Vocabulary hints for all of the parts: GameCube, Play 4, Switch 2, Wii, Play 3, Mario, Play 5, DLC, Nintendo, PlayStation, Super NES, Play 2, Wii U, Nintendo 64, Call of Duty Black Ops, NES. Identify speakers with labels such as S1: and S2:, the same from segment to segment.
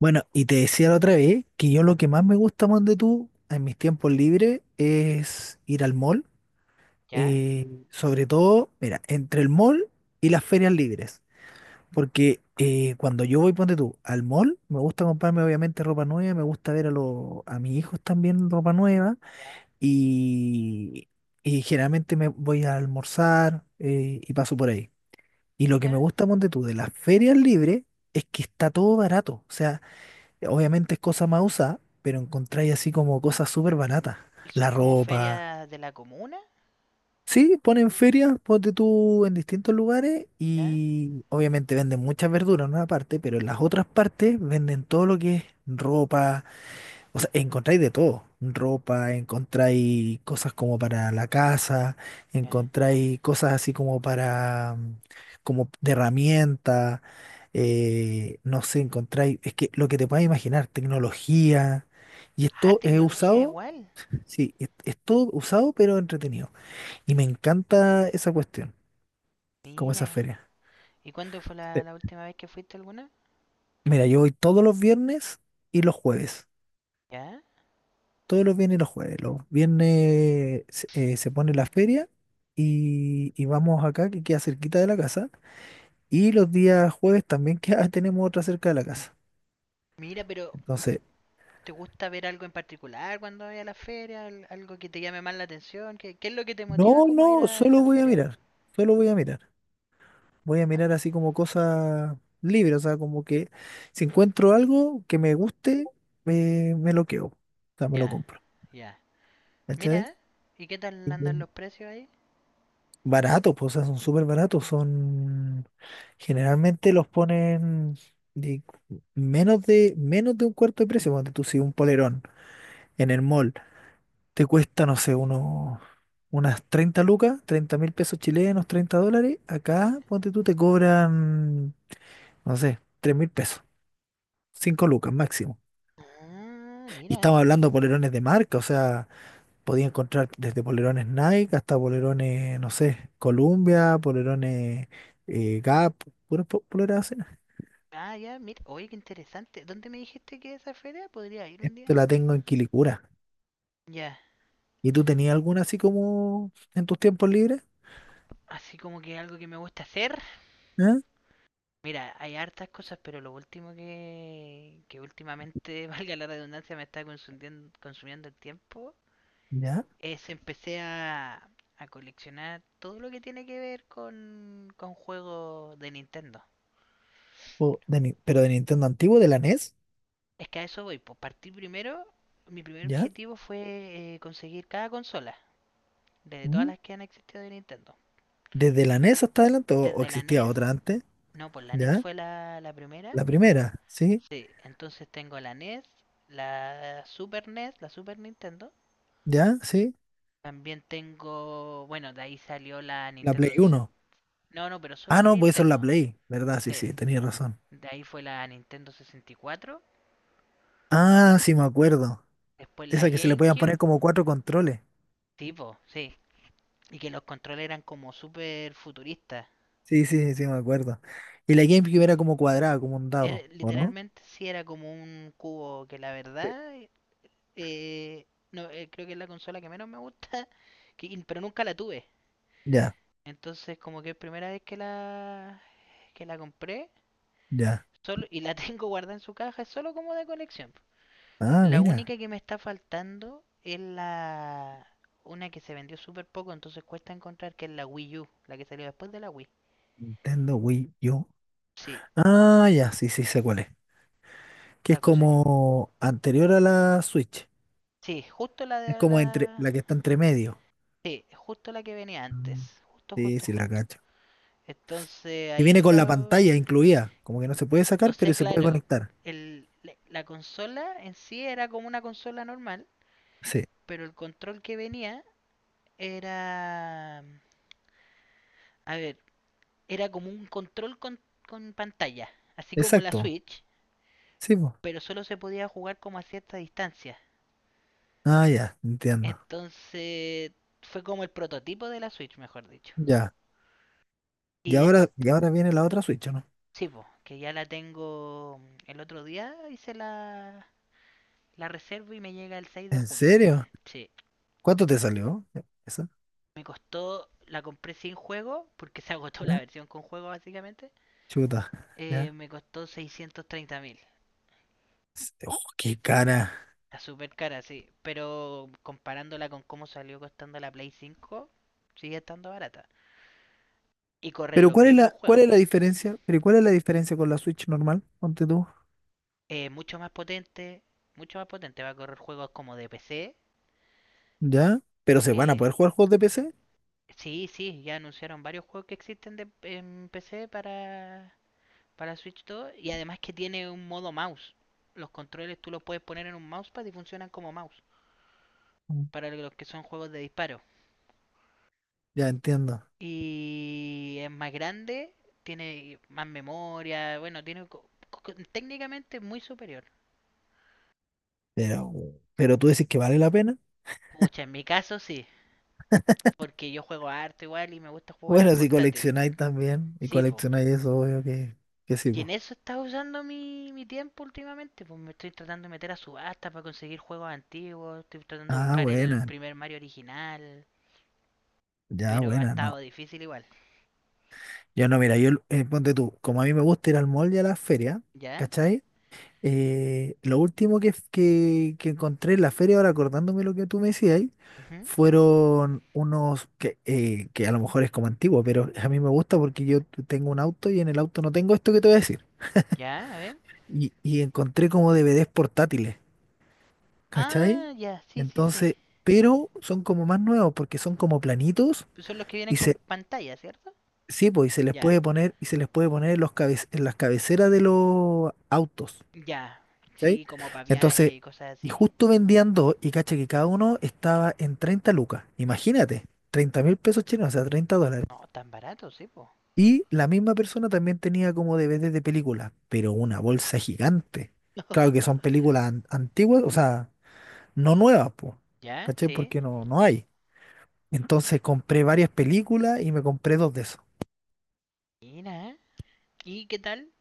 S1: Bueno, y te decía la otra vez que yo lo que más me gusta, de tú, en mis tiempos libres es ir al mall.
S2: ¿Ya?
S1: Sobre todo, mira, entre el mall y las ferias libres. Porque cuando yo voy, ponte tú, al mall, me gusta comprarme obviamente ropa nueva, me gusta ver a mis hijos también ropa nueva.
S2: Ya.
S1: Y, y generalmente me voy a almorzar y paso por ahí. Y lo que me
S2: Mira.
S1: gusta, ponte tú, de las ferias libres es que está todo barato. O sea, obviamente es cosa más usada, pero encontráis así como cosas súper baratas.
S2: ¿Y son
S1: La
S2: como
S1: ropa.
S2: ferias de la comuna?
S1: Sí, ponen ferias, ponte tú en distintos lugares
S2: ¿Ya?
S1: y obviamente venden muchas verduras en una parte, pero en las otras partes venden todo lo que es ropa. O sea, encontráis de todo. Ropa, encontráis cosas como para la casa,
S2: ¿Ya?
S1: encontráis cosas así como para, como de herramienta, no sé, encontráis, es que lo que te puedas imaginar, tecnología. Y
S2: Ah,
S1: esto es
S2: tecnología
S1: usado,
S2: igual.
S1: sí, es todo usado pero entretenido. Y me encanta esa cuestión, como esa
S2: Mira.
S1: feria.
S2: ¿Y cuándo fue la,
S1: Sí.
S2: la última vez que fuiste alguna?
S1: Mira, yo voy todos los viernes y los jueves.
S2: ¿Ya?
S1: Todos los viernes y los jueves. Los viernes se pone la feria y vamos acá, que queda cerquita de la casa. Y los días jueves también queda, tenemos otra cerca de la casa.
S2: Mira, pero
S1: Entonces,
S2: ¿te gusta ver algo en particular cuando vas a la feria? ¿Algo que te llame más la atención? ¿Qué es lo que te motiva
S1: no,
S2: como a ir
S1: no,
S2: a
S1: solo
S2: esas
S1: voy a
S2: ferias?
S1: mirar. Solo voy a mirar. Voy a mirar así como cosas libres, o sea, como que si encuentro algo que me guste, me lo quedo. O sea, me lo
S2: Ya,
S1: compro.
S2: ya.
S1: ¿Cachai?
S2: Mira, ¿y qué tal andan los precios ahí?
S1: Baratos, pues, o sea, son súper baratos. Son. Generalmente los ponen de menos de un cuarto de precio. Cuando tú si un polerón en el mall te cuesta, no sé, unos. Unas 30 lucas, 30.000 pesos chilenos, 30 dólares.
S2: ¿Ya?
S1: Acá, ponte tú, te cobran, no sé, 3.000 pesos, 5 lucas máximo.
S2: Ah,
S1: Y
S2: mira.
S1: estamos hablando de polerones de marca, o sea, podía encontrar desde polerones Nike hasta polerones, no sé, Columbia, polerones Gap, poleras así.
S2: Ah, ya, mira. Oye, qué interesante. ¿Dónde me dijiste que esa feria podría ir un
S1: Esto
S2: día?
S1: la tengo en Quilicura.
S2: Ya.
S1: ¿Y tú tenías alguna así como en tus tiempos libres?
S2: Así como que algo que me gusta hacer.
S1: ¿Ah?
S2: Mira, hay hartas cosas, pero lo último que últimamente, valga la redundancia, me está consumiendo, consumiendo el tiempo,
S1: ¿Ya?
S2: es empecé a coleccionar todo lo que tiene que ver con juegos de Nintendo.
S1: ¿O de Ni- ¿Pero de Nintendo antiguo, de la NES?
S2: Es que a eso voy, pues partí primero, mi primer
S1: ¿Ya?
S2: objetivo fue conseguir cada consola, desde todas
S1: ¿Mm?
S2: las que han existido de Nintendo.
S1: ¿Desde la NES hasta adelante o
S2: Desde la
S1: existía
S2: NES,
S1: otra antes?
S2: no, pues la NES
S1: ¿Ya?
S2: fue la primera.
S1: La primera, ¿sí?
S2: Sí, entonces tengo la NES, la Super Nintendo.
S1: ¿Ya? ¿Sí?
S2: También tengo, bueno, de ahí salió la
S1: La Play
S2: Nintendo 60.
S1: Uno.
S2: No, no, pero solo
S1: Ah,
S2: de
S1: no, pues eso es la
S2: Nintendo.
S1: Play, ¿verdad? Sí,
S2: Sí,
S1: sí, tenías razón.
S2: de ahí fue la Nintendo 64,
S1: Ah, sí, me acuerdo.
S2: después la
S1: Esa que se le podían
S2: GameCube.
S1: poner como cuatro controles.
S2: Tipo, sí. Y que los controles eran como súper futuristas.
S1: Sí, sí, sí, me acuerdo. Y la GameCube era como cuadrada, como un dado, ¿o no?
S2: Literalmente sí era como un cubo que la
S1: Sí.
S2: verdad, no, creo que es la consola que menos me gusta, pero nunca la tuve.
S1: Ya,
S2: Entonces, como que es primera vez que la compré,
S1: ya.
S2: solo y la tengo guardada en su caja, es solo como de colección.
S1: Ah,
S2: La
S1: mira.
S2: única que me está faltando es la una que se vendió súper poco, entonces cuesta encontrar que es la Wii U, la que salió después de la Wii.
S1: Nintendo Wii U.
S2: Sí,
S1: Ah, ya, sí, sí, sé cuál es. Que es
S2: esta cosa.
S1: como anterior a la Switch.
S2: Sí, justo la
S1: Es
S2: de
S1: como entre
S2: la,
S1: la que está entre medio.
S2: sí, justo la que venía antes,
S1: Mm,
S2: justo,
S1: sí,
S2: justo,
S1: sí, la
S2: justo.
S1: cacho.
S2: Entonces,
S1: Que
S2: ahí
S1: viene con la
S2: está,
S1: pantalla incluida. Como que no se puede
S2: o
S1: sacar,
S2: sea,
S1: pero se puede
S2: claro,
S1: conectar.
S2: el, la consola en sí era como una consola normal,
S1: Sí,
S2: pero el control que venía era, a ver, era como un control con pantalla, así como la
S1: exacto.
S2: Switch,
S1: Sí, pues.
S2: pero solo se podía jugar como a cierta distancia.
S1: Ah, ya, entiendo.
S2: Entonces fue como el prototipo de la Switch, mejor dicho.
S1: Ya.
S2: Y después,
S1: Y ahora viene la otra Switch, ¿o no?
S2: sí, po, que ya la tengo. El otro día hice la reserva y me llega el 6 de
S1: ¿En
S2: junio.
S1: serio?
S2: Sí,
S1: ¿Cuánto te salió? ¿Esa?
S2: me costó, la compré sin juego, porque se agotó la
S1: ¿Ya?
S2: versión con juego básicamente.
S1: Chuta, ya.
S2: Me costó 630 mil.
S1: S- Oh, qué cara.
S2: Está súper cara, sí. Pero comparándola con cómo salió costando la Play cinco, sigue estando barata. Y correr
S1: Pero
S2: los mismos
S1: cuál
S2: juegos.
S1: es la diferencia? Pero ¿cuál es la diferencia con la Switch normal? Ponte tú.
S2: Mucho más potente, mucho más potente. Va a correr juegos como de PC.
S1: ¿Ya? ¿Pero se van a
S2: Eh,
S1: poder jugar juegos de PC?
S2: sí, sí, ya anunciaron varios juegos que existen en PC para, Switch 2. Y además que tiene un modo mouse. Los controles tú los puedes poner en un mousepad y funcionan como mouse.
S1: Mm,
S2: Para los que son juegos de disparo.
S1: ya entiendo.
S2: Y es más grande, tiene más memoria, bueno, tiene técnicamente muy superior.
S1: Pero, pero tú dices que vale la pena.
S2: Pucha, en mi caso sí, porque yo juego harto igual y me gusta jugar en
S1: Bueno, si
S2: portátil.
S1: coleccionáis también y
S2: Sí, pues.
S1: coleccionáis eso, obvio que sí,
S2: Y
S1: pues.
S2: en eso estaba usando mi tiempo últimamente, pues me estoy tratando de meter a subasta para conseguir juegos antiguos, estoy tratando de
S1: Ah,
S2: buscar el
S1: buena.
S2: primer Mario original,
S1: Ya,
S2: pero ha
S1: buena, no.
S2: estado difícil igual.
S1: Yo no, mira, yo, ponte tú, como a mí me gusta ir al mall y a las ferias,
S2: ¿Ya?
S1: ¿cachai? Lo último que encontré en la feria, ahora acordándome lo que tú me decías, ahí,
S2: Ujú.
S1: fueron unos que a lo mejor es como antiguo, pero a mí me gusta porque yo tengo un auto y en el auto no tengo esto que te voy a decir.
S2: ¿Ya? A ver.
S1: Y encontré como DVDs portátiles, ¿cachai?
S2: Ah, ya, sí, sí, sí.
S1: Entonces, pero son como más nuevos porque son como planitos
S2: Son los que vienen
S1: y
S2: con
S1: se,
S2: pantalla, ¿cierto?
S1: sí, pues,
S2: Ya.
S1: y se les puede poner en en las cabeceras de los autos.
S2: Ya,
S1: ¿Cachai?
S2: sí, como para viaje
S1: Entonces,
S2: y cosas
S1: y
S2: así.
S1: justo vendían dos y caché que cada uno estaba en 30 lucas. Imagínate, 30.000 pesos chilenos, o sea, 30 dólares.
S2: No, tan barato, sí, po.
S1: Y la misma persona también tenía como DVDs de películas, pero una bolsa gigante. Claro que son películas antiguas, o sea, no nuevas, pues,
S2: Ya,
S1: ¿cachai?
S2: sí.
S1: Porque no, no hay. Entonces compré varias películas y me compré dos de esos.
S2: Mira. ¿Y qué tal?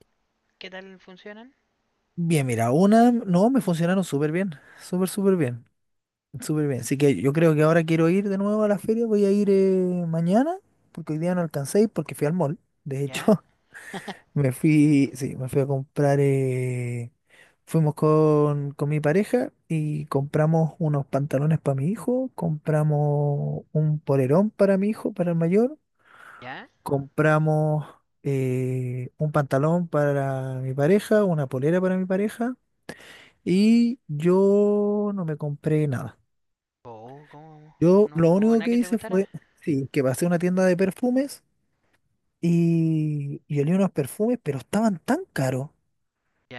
S2: ¿Qué tal funcionan?
S1: Bien, mira, una, no, me funcionaron súper bien. Súper bien. Así que yo creo que ahora quiero ir de nuevo a la feria. Voy a ir mañana, porque hoy día no alcancé a ir porque fui al mall. De
S2: Ya,
S1: hecho, me fui, sí, me fui a comprar. Fuimos con mi pareja y compramos unos pantalones para mi hijo. Compramos un polerón para mi hijo, para el mayor.
S2: ya.
S1: Compramos un pantalón para mi pareja, una polera para mi pareja. Y yo no me compré nada.
S2: Oh, ¿cómo?
S1: Yo
S2: No,
S1: lo
S2: no hubo
S1: único
S2: nada
S1: que
S2: que te
S1: hice
S2: gustara.
S1: fue, sí, que pasé a una tienda de perfumes y olí unos perfumes, pero estaban tan caros,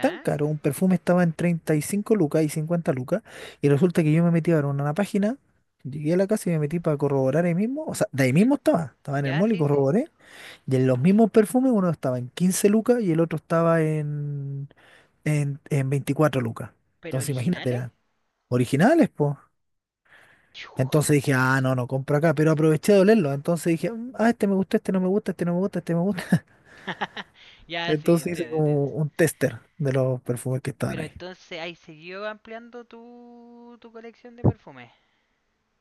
S1: tan caros. Un perfume estaba en 35 lucas y 50 lucas. Y resulta que yo me metí a ver una página, llegué a la casa y me metí para corroborar ahí mismo. O sea, de ahí
S2: ¿Mm?
S1: mismo estaba, estaba en el
S2: Ya,
S1: mall y
S2: sí, sí.
S1: corroboré. Y en los mismos perfumes, uno estaba en 15 lucas y el otro estaba en, en 24 lucas.
S2: ¿Pero
S1: Entonces, imagínate,
S2: originales?
S1: eran originales, pues.
S2: Chuta.
S1: Entonces dije, ah, no, no compro acá, pero aproveché de olerlo. Entonces dije, "Mm, ah, este me gusta, este no me gusta, este no me gusta, este me gusta."
S2: Ya, sí,
S1: Entonces hice
S2: entiendo, entiendo.
S1: como un tester de los perfumes que estaban
S2: Pero
S1: ahí.
S2: entonces, ahí siguió ampliando tu colección de perfumes.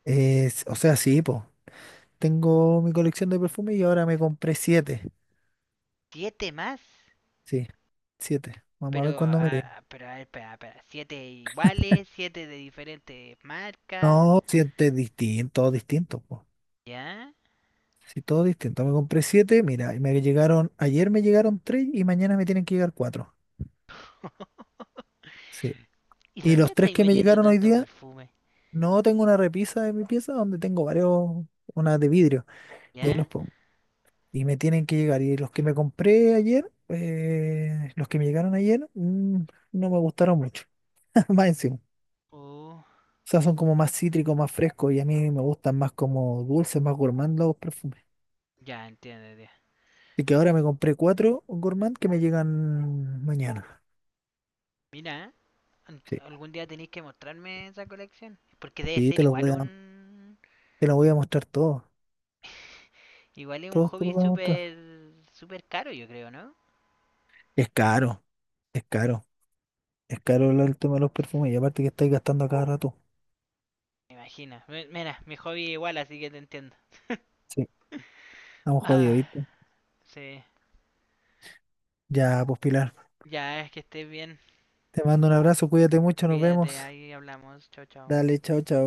S1: Es- o sea, sí, po. Tengo mi colección de perfumes y ahora me compré siete.
S2: ¿Siete más?
S1: Sí, siete. Vamos a ver
S2: Pero,
S1: cuándo me llegan.
S2: pero, a ver, espera, espera. Siete iguales, siete de diferentes marcas,
S1: No, siete distintos, distintos, po.
S2: ¿ya?
S1: Sí, todo distinto. Me compré siete, mira, y me llegaron, ayer me llegaron tres y mañana me tienen que llegar cuatro. Sí.
S2: ¿Y
S1: Y
S2: dónde
S1: los tres
S2: estáis
S1: que me
S2: metiendo
S1: llegaron hoy
S2: tanto
S1: día,
S2: perfume?
S1: no, tengo una repisa de mi pieza donde tengo varios, una de vidrio, y ahí los
S2: ¿Ya?
S1: pongo. Y me tienen que llegar. Y los que me compré ayer, los que me llegaron ayer, no me gustaron mucho. Más encima.
S2: Oh,
S1: O sea, son como más cítricos, más frescos, y a mí me gustan más como dulces, más gourmand los perfumes.
S2: ya entiendo, tío.
S1: Así que ahora me compré cuatro gourmand que me llegan mañana.
S2: Mira,
S1: Sí.
S2: algún día tenéis que mostrarme esa colección. Porque debe
S1: Y
S2: ser
S1: te los
S2: igual
S1: voy a,
S2: un.
S1: te los voy a mostrar todos.
S2: Igual es un
S1: Todos te
S2: hobby
S1: los voy a mostrar.
S2: súper. Súper caro, yo creo, ¿no?
S1: Es caro, es caro. Es caro el tema de los perfumes, y aparte que estáis gastando a cada rato.
S2: Me imagino. Mira, mi hobby es igual, así que te entiendo.
S1: Sí. Estamos jodidos,
S2: Ah,
S1: ¿viste?
S2: sí.
S1: Ya, pues Pilar.
S2: Ya, es que estés bien.
S1: Te mando un abrazo, cuídate mucho, nos
S2: Cuídate,
S1: vemos.
S2: ahí hablamos. Chao, chao.
S1: Dale, chao, chao.